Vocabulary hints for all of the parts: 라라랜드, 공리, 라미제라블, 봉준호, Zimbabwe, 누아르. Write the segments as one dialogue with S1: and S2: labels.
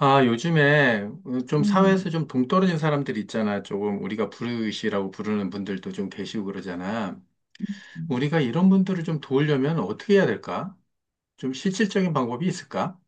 S1: 아, 요즘에 좀
S2: 음.
S1: 사회에서 좀 동떨어진 사람들 있잖아. 조금 우리가 불우이시라고 부르는 분들도 좀 계시고 그러잖아. 우리가 이런 분들을 좀 도우려면 어떻게 해야 될까? 좀 실질적인 방법이 있을까?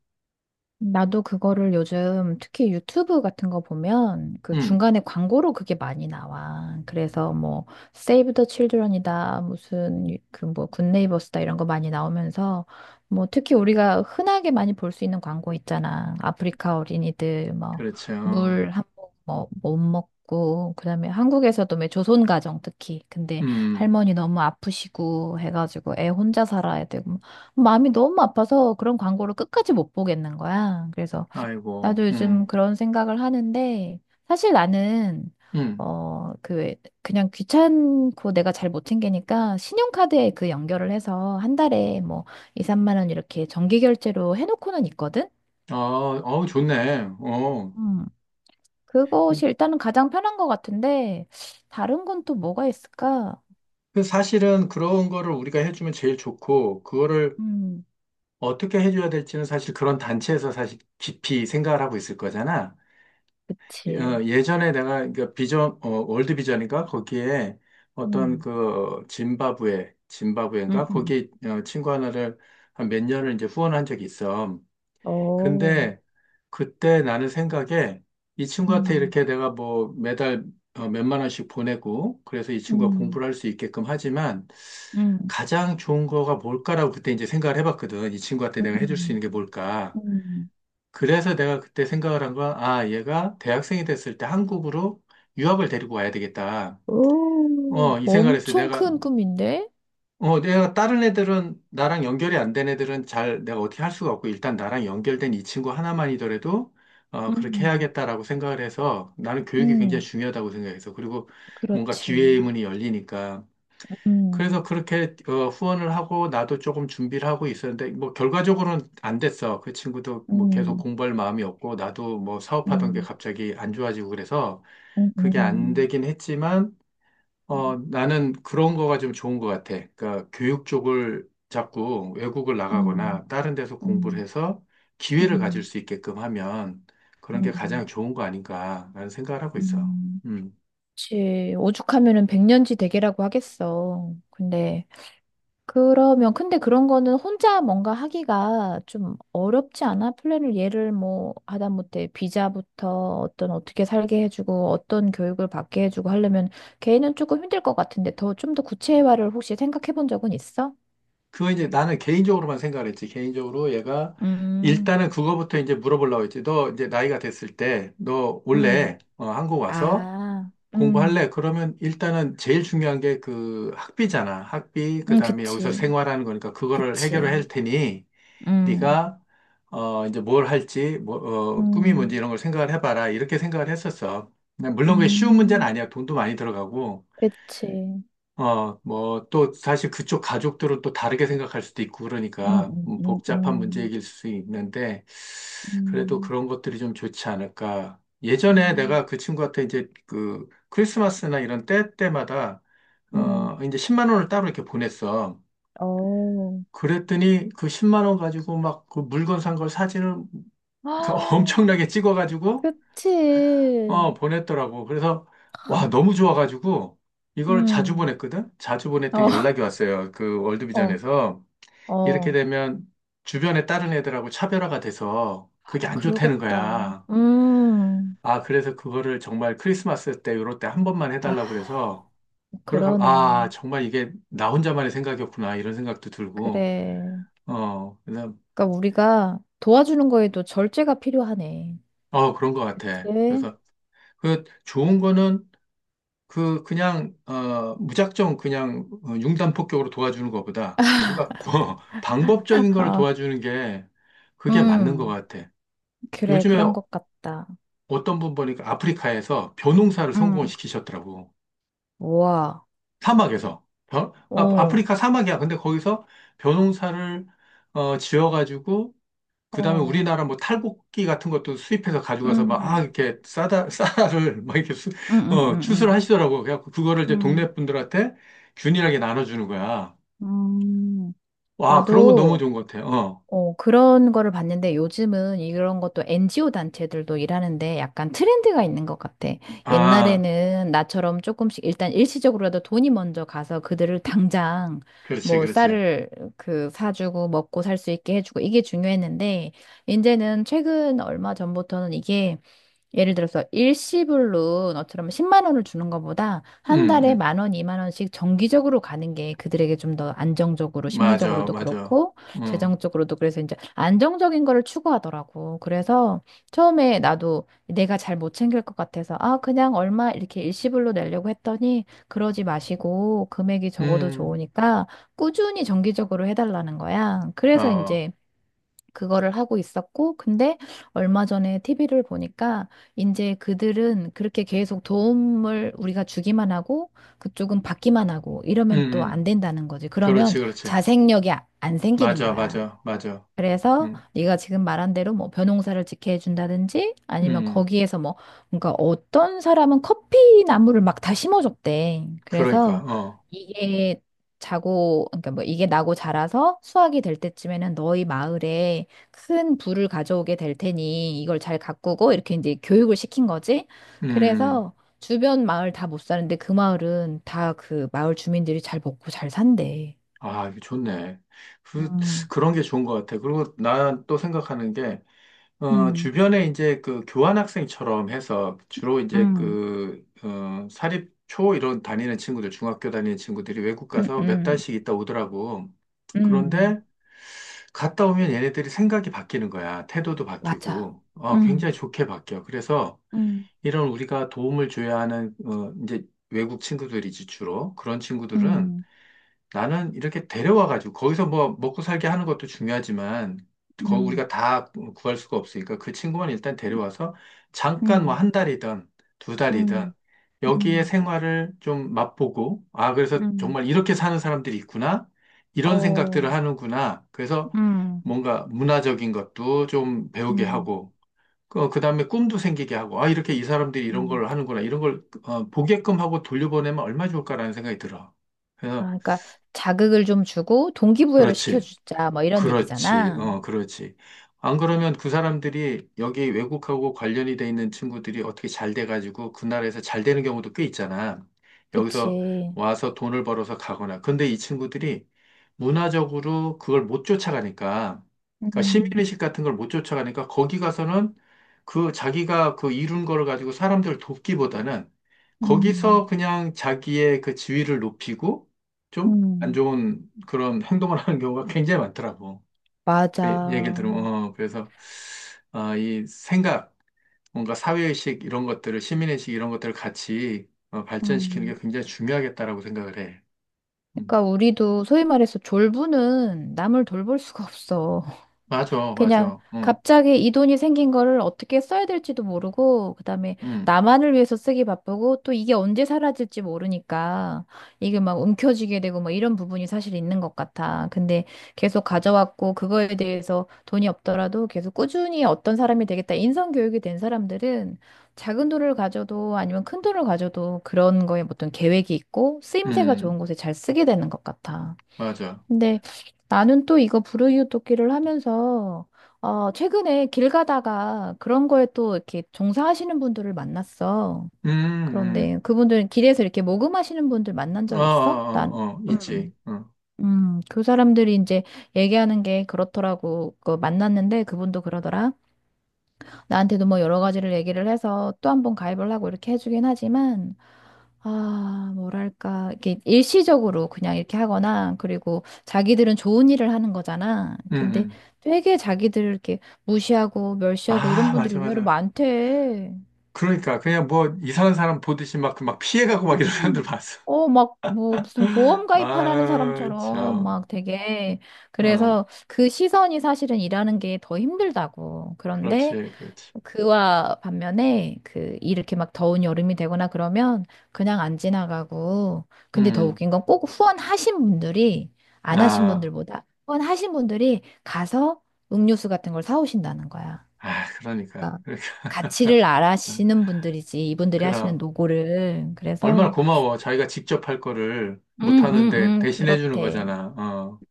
S2: 나도 그거를 요즘 특히 유튜브 같은 거 보면 그
S1: 음,
S2: 중간에 광고로 그게 많이 나와. 그래서 뭐 Save the Children이다, 무슨 그뭐 굿네이버스다 이런 거 많이 나오면서 뭐 특히 우리가 흔하게 많이 볼 수 있는 광고 있잖아. 아프리카 어린이들
S1: 그렇죠.
S2: 뭐물한번뭐못 먹고 그다음에 한국에서도 왜 조선 가정 특히 근데
S1: 음,
S2: 할머니 너무 아프시고 해가지고 애 혼자 살아야 되고 마음이 너무 아파서 그런 광고를 끝까지 못 보겠는 거야. 그래서
S1: 아이고,
S2: 나도 요즘 그런 생각을 하는데 사실 나는
S1: 음.
S2: 그냥 귀찮고 내가 잘 못 챙기니까 신용카드에 그 연결을 해서 한 달에 뭐 2, 3만 원 이렇게 정기 결제로 해놓고는 있거든.
S1: 어, 어, 좋네. 어.
S2: 음. 그것이 일단은 가장 편한 것 같은데 다른 건 또 뭐가 있을까?
S1: 그 사실은 그런 거를 우리가 해주면 제일 좋고, 그거를
S2: 음.
S1: 어떻게 해줘야 될지는 사실 그런 단체에서 사실 깊이 생각을 하고 있을 거잖아. 예,
S2: 그치.
S1: 예전에 내가 그 비전 월드 비전인가 거기에 어떤
S2: 음.
S1: 그 짐바브웨
S2: 음.
S1: 짐바브웨인가
S2: 음.
S1: 거기 친구 하나를 한 몇 년을 이제 후원한 적이 있어.
S2: 어,
S1: 근데 그때 나는 생각에 이 친구한테
S2: 음.
S1: 이렇게 내가 뭐 매달 몇만 원씩 보내고 그래서 이 친구가
S2: 음.
S1: 공부를 할 수 있게끔 하지만
S2: 음.
S1: 가장 좋은 거가 뭘까라고 그때 이제 생각을 해봤거든. 이 친구한테 내가 해줄 수
S2: 음,
S1: 있는 게 뭘까?
S2: 음,
S1: 그래서 내가 그때 생각을 한 건, 아, 얘가 대학생이 됐을 때 한국으로 유학을 데리고 와야 되겠다.
S2: 오,
S1: 어, 이 생각을 했어요.
S2: 엄청
S1: 내가,
S2: 큰 꿈인데?
S1: 어, 내가 다른 애들은, 나랑 연결이 안 된 애들은 잘 내가 어떻게 할 수가 없고, 일단 나랑 연결된 이 친구 하나만이더라도, 어, 그렇게
S2: 음,
S1: 해야겠다라고 생각을 해서 나는 교육이 굉장히
S2: 음,
S1: 중요하다고 생각해서, 그리고 뭔가 기회의
S2: 그렇지.
S1: 문이 열리니까.
S2: 음,
S1: 그래서 그렇게 후원을 하고 나도 조금 준비를 하고 있었는데 뭐 결과적으로는 안 됐어. 그 친구도 뭐 계속
S2: 음,
S1: 공부할 마음이 없고 나도 뭐 사업하던 게
S2: 음,
S1: 갑자기 안 좋아지고 그래서
S2: 음,
S1: 그게 안
S2: 음,
S1: 되긴 했지만 나는 그런 거가 좀 좋은 것 같아. 그러니까 교육 쪽을 자꾸 외국을
S2: 음,
S1: 나가거나 다른 데서 공부를
S2: 음,
S1: 해서 기회를 가질
S2: 음,
S1: 수 있게끔 하면 그런 게
S2: 음,
S1: 가장 좋은 거 아닌가라는 생각을 하고 있어.
S2: 음.
S1: 음.
S2: 그치. 오죽하면은 백년지 대계라고 하겠어. 근데 그러면 근데 그런 거는 혼자 뭔가 하기가 좀 어렵지 않아? 플랜을 얘를 뭐 하다못해 비자부터 어떤 어떻게 살게 해주고 어떤 교육을 받게 해주고 하려면 걔는 조금 힘들 것 같은데 더 좀 더 구체화를 혹시 생각해 본 적은 있어?
S1: 그거 이제 나는 개인적으로만 생각을 했지. 개인적으로 얘가
S2: 음,
S1: 일단은 그거부터 이제 물어보려고 했지. 너 이제 나이가 됐을 때 너
S2: 음,
S1: 원래 한국 와서
S2: 아,
S1: 공부할래? 그러면 일단은 제일 중요한 게 그 학비잖아. 학비, 그 다음에 여기서
S2: 그치,
S1: 생활하는 거니까 그거를 해결을
S2: 그치,
S1: 할 테니
S2: 음,
S1: 네가 이제 뭘 할지 뭐 꿈이 뭔지
S2: 음,
S1: 이런 걸 생각을 해봐라. 이렇게 생각을 했었어. 근데 물론 그게 쉬운 문제는
S2: 음,
S1: 아니야. 돈도 많이 들어가고.
S2: 그치,
S1: 어, 뭐, 또, 사실 그쪽 가족들은 또 다르게 생각할 수도 있고,
S2: 음,
S1: 그러니까,
S2: 음,
S1: 복잡한
S2: 음,
S1: 문제일 수 있는데, 그래도
S2: 음,
S1: 그런 것들이 좀 좋지 않을까.
S2: 음,
S1: 예전에
S2: 음,
S1: 내가 그 친구한테 이제 그 크리스마스나 이런 때 때마다,
S2: 음.
S1: 이제 10만 원을 따로 이렇게 보냈어.
S2: 어.
S1: 그랬더니 그 10만 원 가지고 막 그 물건 산 걸 사진을
S2: 아,
S1: 엄청나게 찍어가지고
S2: 그치.
S1: 보냈더라고. 그래서, 와, 너무 좋아가지고, 이걸 자주
S2: 음.
S1: 보냈거든? 자주 보냈더니
S2: 어.
S1: 연락이 왔어요. 그
S2: 어,
S1: 월드비전에서. 이렇게
S2: 어.
S1: 되면 주변에 다른 애들하고 차별화가 돼서 그게
S2: 아,
S1: 안 좋다는
S2: 그러겠다.
S1: 거야.
S2: 음.
S1: 아, 그래서 그거를 정말 크리스마스 때, 요럴 때 한 번만
S2: 아,
S1: 해달라고 그래서, 그래가,
S2: 그러네.
S1: 아, 정말 이게 나 혼자만의 생각이었구나. 이런 생각도 들고,
S2: 그래.
S1: 어, 그래서,
S2: 그러니까 우리가 도와주는 거에도 절제가 필요하네.
S1: 어, 그런 것 같아.
S2: 그치?
S1: 그래서, 그 좋은 거는 그냥 무작정 그냥 융단 폭격으로 도와주는 것보다 뭔가 방법적인 걸
S2: 아,
S1: 도와주는 게 그게 맞는 것
S2: 음.
S1: 같아.
S2: 그래,
S1: 요즘에
S2: 그런 것 같다.
S1: 어떤 분 보니까 아프리카에서 벼농사를 성공을
S2: 음.
S1: 시키셨더라고.
S2: 우와.
S1: 사막에서. 아,
S2: 어,
S1: 아프리카 사막이야. 근데 거기서 벼농사를 지어가지고 그다음에
S2: 어.
S1: 우리나라 뭐 탈곡기 같은 것도 수입해서 가져가서 막 아
S2: 음.
S1: 이렇게 싸다 싸다를 막 이렇게 수,
S2: 음, 음,
S1: 추수를
S2: 음,
S1: 하시더라고. 그래갖고 그거를 이제
S2: 음.
S1: 동네 분들한테 균일하게 나눠주는 거야.
S2: 음. 음.
S1: 와 그런 거 너무
S2: 나도
S1: 좋은 것 같아. 어.
S2: 그런 거를 봤는데 요즘은 이런 것도 NGO 단체들도 일하는데 약간 트렌드가 있는 것 같아.
S1: 아,
S2: 옛날에는 나처럼 조금씩 일단 일시적으로라도 돈이 먼저 가서 그들을 당장
S1: 그렇지,
S2: 뭐
S1: 그렇지.
S2: 쌀을 그 사주고 먹고 살 수 있게 해주고 이게 중요했는데 이제는 최근 얼마 전부터는 이게 예를 들어서 일시불로 너처럼 10만 원을 주는 것보다
S1: 음,
S2: 한 달에
S1: 음.
S2: 만 원, 2만 원씩 정기적으로 가는 게 그들에게 좀 더 안정적으로
S1: 맞아,
S2: 심리적으로도
S1: 맞아.
S2: 그렇고
S1: 음,
S2: 재정적으로도 그래서 이제 안정적인 거를 추구하더라고. 그래서 처음에 나도 내가 잘 못 챙길 것 같아서 아, 그냥 얼마 이렇게 일시불로 내려고 했더니 그러지 마시고 금액이 적어도
S1: 음,
S2: 좋으니까 꾸준히 정기적으로 해달라는 거야. 그래서
S1: 어,
S2: 이제 그거를 하고 있었고, 근데 얼마 전에 TV를 보니까 이제 그들은 그렇게 계속 도움을 우리가 주기만 하고 그쪽은 받기만 하고
S1: 음,
S2: 이러면 또 안
S1: 음.
S2: 된다는 거지. 그러면
S1: 그렇지, 그렇지.
S2: 자생력이 안 생기는
S1: 맞아,
S2: 거야.
S1: 맞아, 맞아.
S2: 그래서
S1: 음,
S2: 네가 지금 말한 대로 뭐 벼농사를 짓게 해준다든지 아니면
S1: 음.
S2: 거기에서 뭐 그러니까 어떤 사람은 커피 나무를 막 다 심어줬대.
S1: 그러니까
S2: 그래서 이게 자고 그러니까 뭐 이게 나고 자라서 수확이 될 때쯤에는 너희 마을에 큰 부를 가져오게 될 테니 이걸 잘 가꾸고 이렇게 이제 교육을 시킨 거지.
S1: 음.
S2: 그래서 주변 마을 다 못 사는데 그 마을은 다 그 마을 주민들이 잘 먹고 잘 산대.
S1: 아, 이거 좋네. 그,
S2: 음,
S1: 그런 게 좋은 것 같아. 그리고 난 또 생각하는 게,
S2: 음,
S1: 주변에 이제 그 교환학생처럼 해서 주로 이제
S2: 음.
S1: 그, 사립, 초 이런 다니는 친구들, 중학교 다니는 친구들이 외국
S2: 음,
S1: 가서 몇
S2: 음.
S1: 달씩 있다 오더라고.
S2: 음,
S1: 그런데 갔다 오면 얘네들이 생각이 바뀌는 거야. 태도도
S2: 맞아.
S1: 바뀌고,
S2: 음,
S1: 굉장히 좋게 바뀌어. 그래서
S2: 음,
S1: 이런 우리가 도움을 줘야 하는, 이제 외국 친구들이지 주로. 그런 친구들은
S2: 음,
S1: 나는 이렇게 데려와가지고 거기서 뭐 먹고 살게 하는 것도 중요하지만 거
S2: 음,
S1: 우리가 다 구할 수가 없으니까 그 친구만 일단 데려와서 잠깐 뭐
S2: 음,
S1: 한 달이든 두 달이든
S2: 음,
S1: 여기에
S2: 음,
S1: 생활을 좀 맛보고 아 그래서
S2: 음,
S1: 정말 이렇게 사는 사람들이 있구나 이런
S2: 어,
S1: 생각들을 하는구나 그래서
S2: 음,
S1: 뭔가 문화적인 것도 좀 배우게
S2: 음,
S1: 하고 그다음에 꿈도 생기게 하고 아 이렇게 이 사람들이 이런
S2: 음.
S1: 걸 하는구나 이런 걸 보게끔 하고 돌려보내면 얼마나 좋을까라는 생각이 들어.
S2: 아,
S1: 그래서
S2: 그러니까 자극을 좀 주고 동기부여를
S1: 그렇지.
S2: 시켜주자 뭐 이런
S1: 그렇지,
S2: 얘기잖아.
S1: 그렇지. 안 그러면 그 사람들이 여기 외국하고 관련이 돼 있는 친구들이 어떻게 잘 돼가지고 그 나라에서 잘 되는 경우도 꽤 있잖아. 여기서
S2: 그치.
S1: 와서 돈을 벌어서 가거나. 근데 이 친구들이 문화적으로 그걸 못 쫓아가니까, 그러니까
S2: 음,
S1: 시민의식 같은 걸 못 쫓아가니까 거기 가서는 그 자기가 그 이룬 거를 가지고 사람들을 돕기보다는
S2: 음,
S1: 거기서 그냥 자기의 그 지위를 높이고 좀 안
S2: 음,
S1: 좋은 그런 행동을 하는 경우가 굉장히 많더라고. 예, 얘기를
S2: 맞아.
S1: 들으면, 그래서, 아, 이 생각, 뭔가 사회의식 이런 것들을, 시민의식 이런 것들을 같이 발전시키는
S2: 음.
S1: 게 굉장히 중요하겠다라고 생각을 해. 음.
S2: 그러니까 우리도 소위 말해서 졸부는 남을 돌볼 수가 없어.
S1: 맞아,
S2: 그냥
S1: 맞아. 응,
S2: 갑자기 이 돈이 생긴 거를 어떻게 써야 될지도 모르고, 그다음에
S1: 응,
S2: 나만을 위해서 쓰기 바쁘고, 또 이게 언제 사라질지 모르니까, 이게 막 움켜쥐게 되고, 뭐 이런 부분이 사실 있는 것 같아. 근데 계속 가져왔고, 그거에 대해서 돈이 없더라도 계속 꾸준히 어떤 사람이 되겠다. 인성교육이 된 사람들은 작은 돈을 가져도 아니면 큰 돈을 가져도 그런 거에 어떤 계획이 있고, 쓰임새가
S1: 응,
S2: 좋은 곳에 잘 쓰게 되는 것 같아.
S1: 맞아.
S2: 근데 나는 또 이거 불우이웃돕기를 하면서 최근에 길 가다가 그런 거에 또 이렇게 종사하시는 분들을 만났어.
S1: 음,
S2: 그런데 그분들은 길에서 이렇게 모금하시는 분들 만난
S1: 어, 어,
S2: 적 있어? 난.
S1: 어, 어,
S2: 음.
S1: 있지. 어,
S2: 그 사람들이 이제 얘기하는 게 그렇더라고. 그 만났는데 그분도 그러더라. 나한테도 뭐 여러 가지를 얘기를 해서 또 한 번 가입을 하고 이렇게 해주긴 하지만, 아, 뭐랄까, 이게 일시적으로 그냥 이렇게 하거나, 그리고 자기들은 좋은 일을 하는 거잖아.
S1: 음,
S2: 근데
S1: 음.
S2: 되게 자기들을 이렇게 무시하고 멸시하고 이런
S1: 아,
S2: 분들이
S1: 맞아,
S2: 의외로
S1: 맞아.
S2: 많대.
S1: 그러니까, 그냥 뭐, 이상한 사람 보듯이 막, 그 막 피해가고 막 이런 사람들
S2: 음.
S1: 봤어.
S2: 막, 뭐, 무슨 보험 가입하라는
S1: 아유,
S2: 사람처럼
S1: 참.
S2: 막 되게.
S1: 어,
S2: 그래서 그 시선이 사실은 일하는 게 더 힘들다고. 그런데
S1: 그렇지, 그렇지.
S2: 그와 반면에 그 이렇게 막 더운 여름이 되거나 그러면 그냥 안 지나가고 근데 더
S1: 음,
S2: 웃긴 건 꼭 후원하신 분들이 안 하신
S1: 아.
S2: 분들보다 후원하신 분들이 가서 음료수 같은 걸 사오신다는 거야.
S1: 아, 그러니까.
S2: 그러니까
S1: 그러니까.
S2: 가치를 알아시는 분들이지 이분들이 하시는
S1: 그럼.
S2: 노고를
S1: 얼마나
S2: 그래서
S1: 고마워. 자기가 직접 할 거를 못 하는데 대신해 주는
S2: 그렇대.
S1: 거잖아. 어.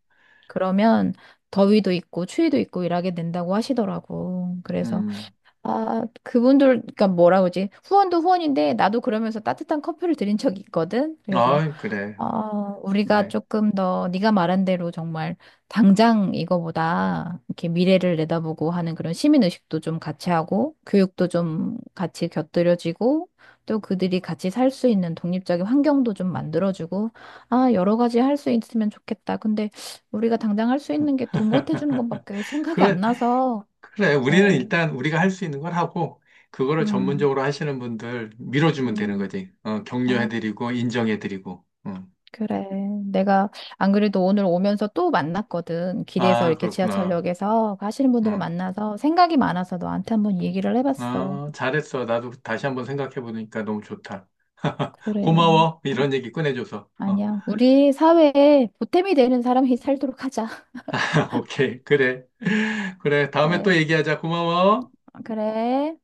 S2: 그러면 더위도 있고 추위도 있고 일하게 된다고 하시더라고. 그래서
S1: 음.
S2: 아, 그분들, 그러니까 뭐라 그러지? 후원도 후원인데, 나도 그러면서 따뜻한 커피를 드린 적이 있거든. 그래서,
S1: 아, 그래.
S2: 어, 우리가
S1: 좋네.
S2: 조금 더, 네가 말한 대로 정말, 당장 이거보다, 이렇게 미래를 내다보고 하는 그런 시민의식도 좀 같이 하고, 교육도 좀 같이 곁들여지고, 또 그들이 같이 살 수 있는 독립적인 환경도 좀 만들어주고, 아, 여러 가지 할 수 있으면 좋겠다. 근데, 우리가 당장 할 수 있는 게 돈 보태주는 것밖에 생각이 안
S1: 그래,
S2: 나서,
S1: 그래. 우리는
S2: 어,
S1: 일단 우리가 할 수 있는 걸 하고, 그거를
S2: 음.
S1: 전문적으로 하시는 분들 밀어주면 되는
S2: 음.
S1: 거지.
S2: 아,
S1: 격려해드리고, 인정해드리고. 응.
S2: 그래. 내가 안 그래도 오늘 오면서 또 만났거든. 길에서
S1: 아,
S2: 이렇게
S1: 그렇구나.
S2: 지하철역에서 하시는 분들을
S1: 응,
S2: 만나서 생각이 많아서 너한테 한번 얘기를 해봤어.
S1: 아, 잘했어. 나도 다시 한번 생각해보니까 너무 좋다.
S2: 그래.
S1: 고마워.
S2: 아,
S1: 이런 얘기 꺼내줘서. 어.
S2: 아니야. 우리 사회에 보탬이 되는 사람이 살도록 하자.
S1: 오케이, 그래. 그래, 다음에 또
S2: 그래.
S1: 얘기하자. 고마워.
S2: 그래.